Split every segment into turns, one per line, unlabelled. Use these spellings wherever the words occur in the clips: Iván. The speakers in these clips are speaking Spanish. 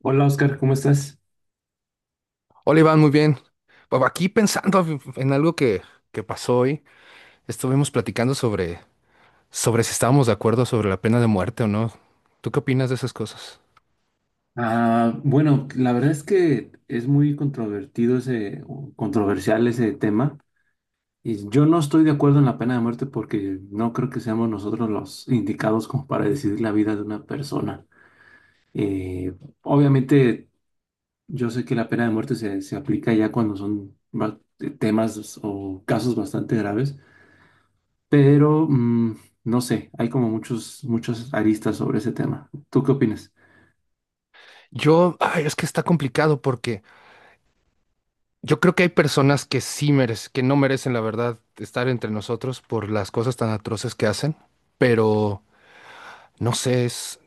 Hola Oscar, ¿cómo estás?
Hola Iván, muy bien. Bueno, aquí pensando en algo que pasó hoy, estuvimos platicando sobre si estábamos de acuerdo sobre la pena de muerte o no. ¿Tú qué opinas de esas cosas?
Bueno, la verdad es que es muy controvertido ese, o controversial ese tema. Y yo no estoy de acuerdo en la pena de muerte porque no creo que seamos nosotros los indicados como para decidir la vida de una persona. Eh, Obviamente, yo sé que la pena de muerte se aplica ya cuando son temas o casos bastante graves, pero no sé, hay como muchos, muchas aristas sobre ese tema. ¿Tú qué opinas?
Ay, es que está complicado porque yo creo que hay personas que sí merecen, que no merecen la verdad estar entre nosotros por las cosas tan atroces que hacen, pero no sé, es,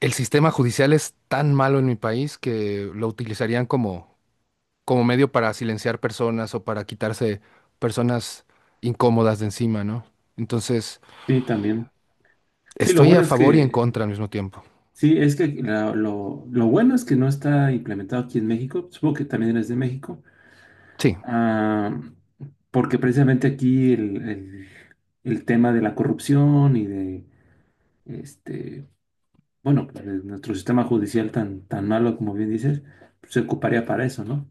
el sistema judicial es tan malo en mi país que lo utilizarían como medio para silenciar personas o para quitarse personas incómodas de encima, ¿no? Entonces,
Sí, también. Sí, lo
estoy
bueno
a
es
favor y en
que
contra al mismo tiempo.
sí, es que lo bueno es que no está implementado aquí en México, supongo que también eres de México,
Sí,
ah, porque precisamente aquí el tema de la corrupción y de, este, bueno, pues, de nuestro sistema judicial tan, tan malo como bien dices, pues, se ocuparía para eso, ¿no?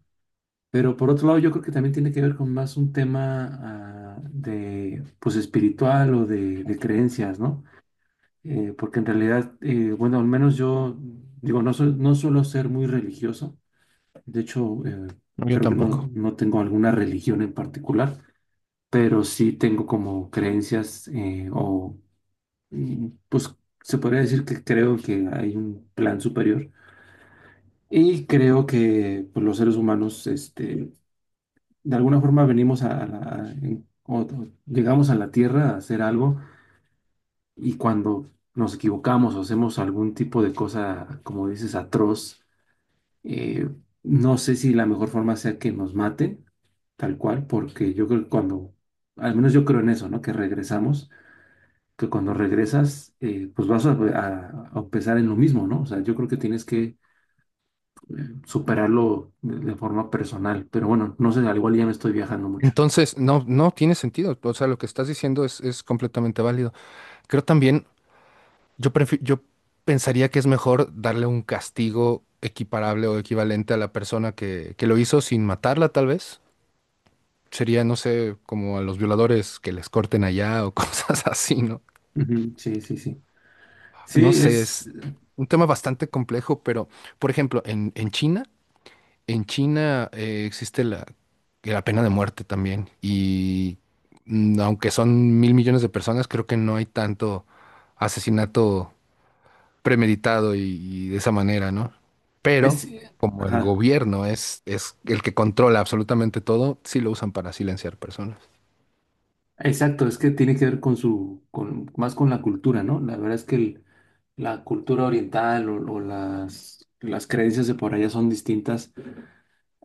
Pero por otro lado, yo creo que también tiene que ver con más un tema, de, pues, espiritual o de creencias, ¿no? Porque en realidad, bueno, al menos yo, digo, no, no suelo ser muy religioso, de hecho,
yo
creo que
tampoco.
no tengo alguna religión en particular, pero sí tengo como creencias o, pues, se podría decir que creo que hay un plan superior y creo que pues, los seres humanos, de alguna forma venimos o llegamos a la Tierra a hacer algo. Y cuando nos equivocamos o hacemos algún tipo de cosa, como dices, atroz, eh, no sé si la mejor forma sea que nos maten, tal cual, porque yo creo que cuando, al menos yo creo en eso, ¿no? Que regresamos, que cuando regresas, pues vas a empezar en lo mismo, ¿no? O sea, yo creo que tienes que superarlo de forma personal, pero bueno, no sé, al igual ya me estoy viajando mucho.
Entonces, no, no tiene sentido. O sea, lo que estás diciendo es completamente válido. Creo también, yo pensaría que es mejor darle un castigo equiparable o equivalente a la persona que lo hizo sin matarla, tal vez. Sería, no sé, como a los violadores que les corten allá o cosas así, ¿no?
Ujú, sí, sí, sí.
No
Sí,
sé, es un tema bastante complejo, pero por ejemplo, en China, existe la pena de muerte también y aunque son mil millones de personas, creo que no hay tanto asesinato premeditado y de esa manera, ¿no? Pero
es,
como el
ajá.
gobierno es el que controla absolutamente todo, sí lo usan para silenciar personas.
Exacto, es que tiene que ver con su, con, más con la cultura, ¿no? La verdad es que la cultura oriental o las creencias de por allá son distintas,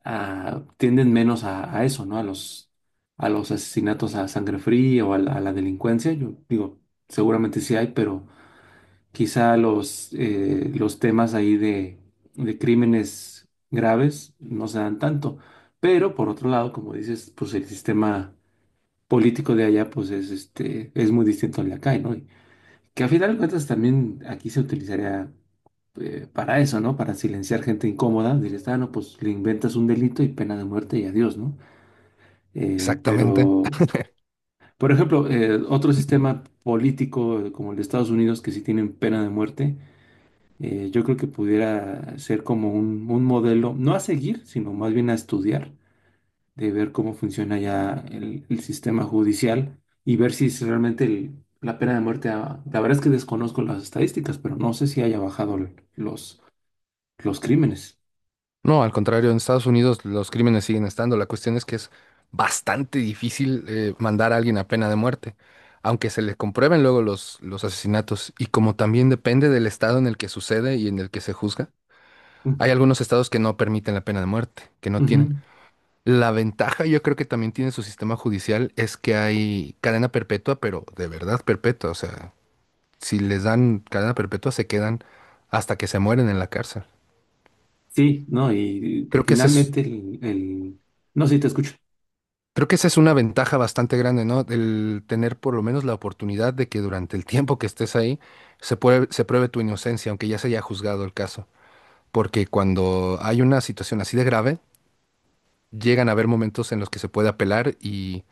tienden menos a eso, ¿no? A los asesinatos a sangre fría o a la delincuencia. Yo digo, seguramente sí hay, pero quizá los temas ahí de crímenes graves no se dan tanto. Pero por otro lado, como dices, pues el sistema político de allá, pues es este, es muy distinto al de acá, ¿no? Y que a final de cuentas también aquí se utilizaría para eso, ¿no? Para silenciar gente incómoda, dirías, ah, no, pues le inventas un delito y pena de muerte y adiós, ¿no?
Exactamente.
Pero, por ejemplo, otro sistema político como el de Estados Unidos que sí tienen pena de muerte, yo creo que pudiera ser como un modelo, no a seguir, sino más bien a estudiar de ver cómo funciona ya el sistema judicial y ver si es realmente la pena de muerte, la verdad es que desconozco las estadísticas, pero no sé si haya bajado los crímenes.
No, al contrario, en Estados Unidos los crímenes siguen estando. La cuestión es que es bastante difícil mandar a alguien a pena de muerte, aunque se le comprueben luego los asesinatos. Y como también depende del estado en el que sucede y en el que se juzga, hay
Ujú.
algunos estados que no permiten la pena de muerte, que no tienen.
Ujú.
La ventaja yo creo que también tiene su sistema judicial es que hay cadena perpetua, pero de verdad perpetua. O sea, si les dan cadena perpetua se quedan hasta que se mueren en la cárcel.
Sí, no, y
Creo que ese es
finalmente no, sí, te escucho.
Creo que esa es una ventaja bastante grande, ¿no? El tener por lo menos la oportunidad de que durante el tiempo que estés ahí se pruebe tu inocencia, aunque ya se haya juzgado el caso. Porque cuando hay una situación así de grave, llegan a haber momentos en los que se puede apelar y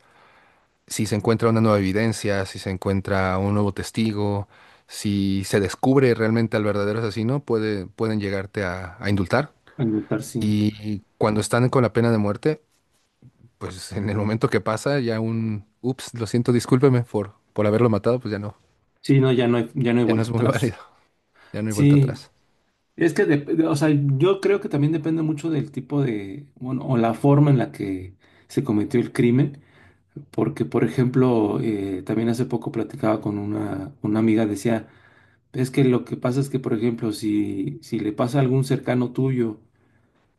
si se encuentra una nueva evidencia, si se encuentra un nuevo testigo, si se descubre realmente al verdadero asesino, pueden llegarte a indultar.
Al votar, sí.
Y cuando están con la pena de muerte, pues en el momento que pasa, ya un, ups, lo siento, discúlpeme por haberlo matado, pues ya no,
Sí, no, ya no hay
ya no es
vuelta
muy
atrás.
válido, ya no hay vuelta
Sí,
atrás.
es que, o sea, yo creo que también depende mucho del tipo de, bueno, o la forma en la que se cometió el crimen. Porque, por ejemplo, también hace poco platicaba con una amiga, decía, es que lo que pasa es que, por ejemplo, si, si le pasa a algún cercano tuyo,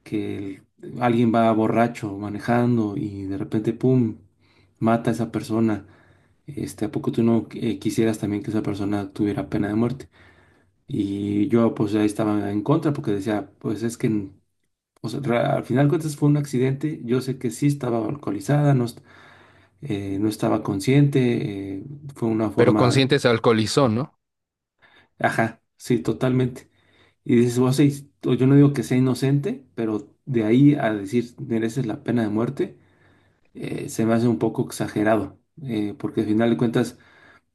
que alguien va borracho manejando y de repente, ¡pum!, mata a esa persona, ¿a poco tú no quisieras también que esa persona tuviera pena de muerte? Y yo, pues, ahí estaba en contra porque decía, pues es que, o sea, al final de cuentas fue un accidente, yo sé que sí estaba alcoholizada, no, no estaba consciente, fue una
Pero
forma,
consciente se alcoholizó, ¿no?
ajá, sí, totalmente. Y dices, vos, sí, o yo no digo que sea inocente, pero de ahí a decir mereces la pena de muerte, se me hace un poco exagerado, porque al final de cuentas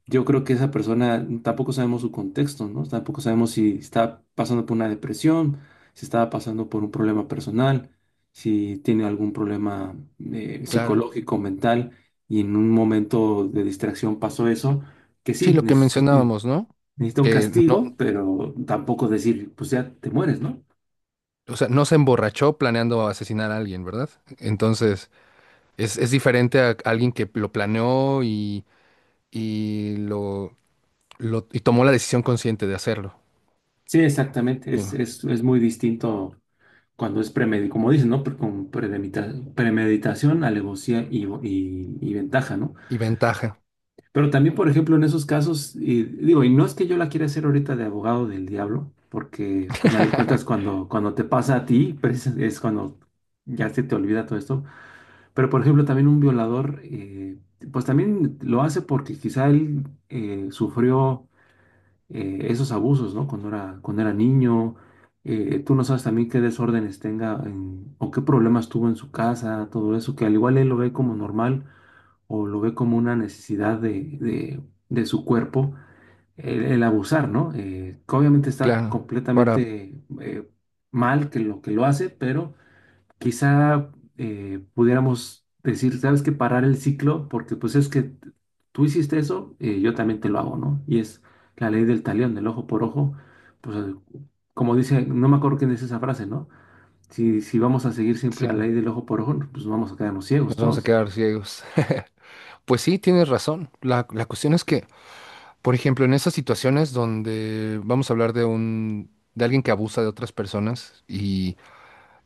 yo creo que esa persona tampoco sabemos su contexto, ¿no? Tampoco sabemos si está pasando por una depresión, si estaba pasando por un problema personal, si tiene algún problema
Claro.
psicológico, mental, y en un momento de distracción pasó eso, que
Sí,
sí,
lo que mencionábamos, ¿no?
necesita un
Que no,
castigo, pero tampoco decir, pues ya te mueres, ¿no?
o sea, no se emborrachó planeando asesinar a alguien, ¿verdad? Entonces, es diferente a alguien que lo planeó y lo- y tomó la decisión consciente de hacerlo.
Sí, exactamente,
Y,
es muy distinto cuando es premeditación, como dicen, ¿no? Con premeditación, alevosía y, y ventaja, ¿no?
y ventaja.
Pero también, por ejemplo, en esos casos, y digo, y no es que yo la quiera hacer ahorita de abogado del diablo, porque al final de cuentas cuando, cuando te pasa a ti, pues, es cuando ya se te olvida todo esto. Pero, por ejemplo, también un violador, pues también lo hace porque quizá él sufrió esos abusos, ¿no? Cuando era niño. Tú no sabes también qué desórdenes tenga o qué problemas tuvo en su casa, todo eso, que al igual él lo ve como normal o lo ve como una necesidad de, de su cuerpo el abusar, ¿no? Que obviamente está
Claro. Para,
completamente mal que lo hace, pero quizá pudiéramos decir, ¿sabes qué? Parar el ciclo, porque pues es que tú hiciste eso, yo también te lo hago, ¿no? Y es la ley del talión, del ojo por ojo, pues como dice, no me acuerdo quién es esa frase, ¿no? Si, si vamos a seguir siempre
sí,
la
nos
ley del ojo por ojo, pues vamos a quedarnos ciegos
vamos a
todos.
quedar ciegos. Pues sí, tienes razón. La cuestión es que, por ejemplo, en esas situaciones donde vamos a hablar de un, de alguien que abusa de otras personas y,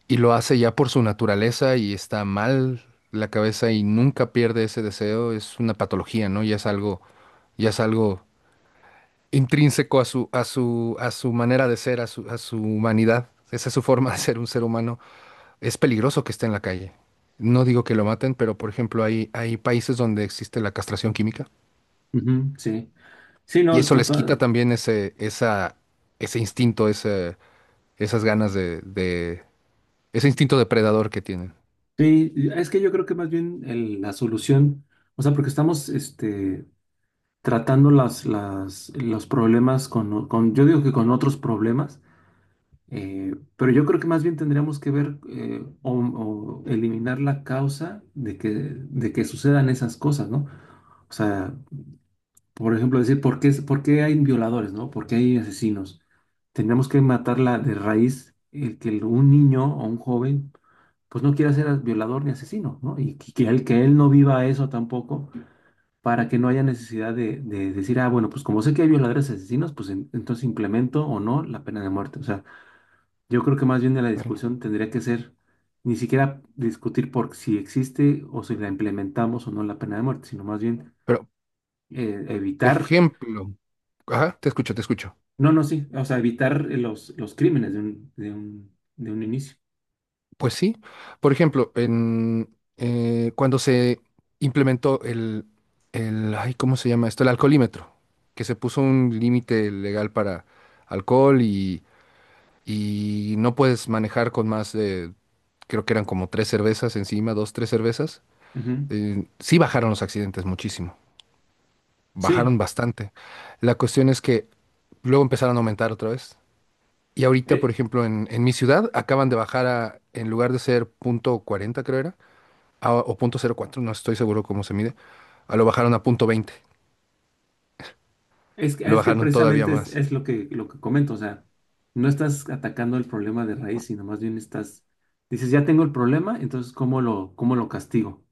y lo hace ya por su naturaleza y está mal la cabeza y nunca pierde ese deseo, es una patología, ¿no? Ya es algo intrínseco a su, a su, a su manera de ser, a su humanidad. Esa es su forma de ser un ser humano. Es peligroso que esté en la calle. No digo que lo maten, pero por ejemplo, hay países donde existe la castración química.
Ujú, sí. Sí,
Y
no,
eso les quita
total.
también ese, esa, ese instinto, ese, esas ganas de, ese instinto depredador que tienen.
Sí, es que yo creo que más bien la solución, o sea, porque estamos tratando las, los problemas con, yo digo que con otros problemas, pero yo creo que más bien tendríamos que ver o eliminar la causa de que sucedan esas cosas, ¿no? O sea, por ejemplo, decir, por qué hay violadores, ¿no? ¿Por qué hay asesinos? Tenemos que matarla de raíz el que un niño o un joven pues no quiera ser violador ni asesino, ¿no? Y que que él no viva eso tampoco para que no haya necesidad de decir, ah, bueno, pues como sé que hay violadores y asesinos, pues entonces implemento o no la pena de muerte. O sea, yo creo que más bien de la
Bueno,
discusión tendría que ser ni siquiera discutir por si existe o si la implementamos o no la pena de muerte, sino más bien
pero, por
evitar
ejemplo, ajá, te escucho, te escucho.
no, no, sí. O sea, evitar los crímenes de un, de un, de un inicio.
Pues sí, por ejemplo, cuando se implementó ay, ¿cómo se llama esto? El alcoholímetro, que se puso un límite legal para alcohol y no puedes manejar con más de, creo que eran como tres cervezas encima, dos, tres cervezas.
Ujú.
Sí bajaron los accidentes muchísimo,
Sí.
bajaron bastante. La cuestión es que luego empezaron a aumentar otra vez. Y ahorita, por
Eh,
ejemplo, en mi ciudad acaban de bajar a, en lugar de ser 0.40 creo era, o 0.04, no estoy seguro cómo se mide, a lo bajaron a 0.20.
es,
Lo
es que
bajaron todavía
precisamente
más.
es lo que comento. O sea, no estás atacando el problema de raíz, sino más bien estás, dices, ya tengo el problema, entonces, cómo lo castigo?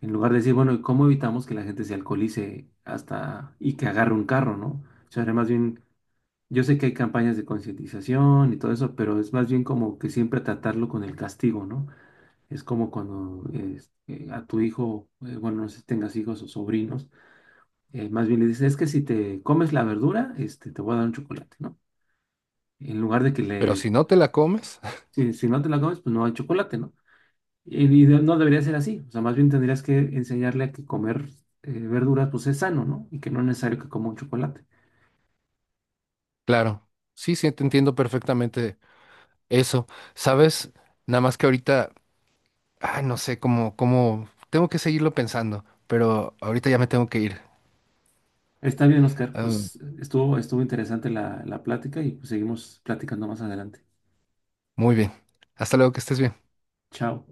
En lugar de decir, bueno, ¿cómo evitamos que la gente se alcoholice hasta y que agarre un carro, ¿no? O sea, más bien, yo sé que hay campañas de concientización y todo eso, pero es más bien como que siempre tratarlo con el castigo, ¿no? Es como cuando a tu hijo, bueno, no sé si tengas hijos o sobrinos, más bien le dices, es que si te comes la verdura, te voy a dar un chocolate, ¿no? En lugar de que
Pero
le,
si no te la comes,
si, si no te la comes, pues no hay chocolate, ¿no? Y, no debería ser así, o sea, más bien tendrías que enseñarle a que comer verduras, pues es sano, ¿no? Y que no es necesario que coma un chocolate.
claro, sí, sí, te entiendo perfectamente eso. ¿Sabes? Nada más que ahorita, ay, no sé cómo, cómo, tengo que seguirlo pensando, pero ahorita ya me tengo que ir.
Está bien, Oscar,
Ah,
pues estuvo, estuvo interesante la, la plática y pues, seguimos platicando más adelante.
muy bien. Hasta luego, que estés bien.
Chao.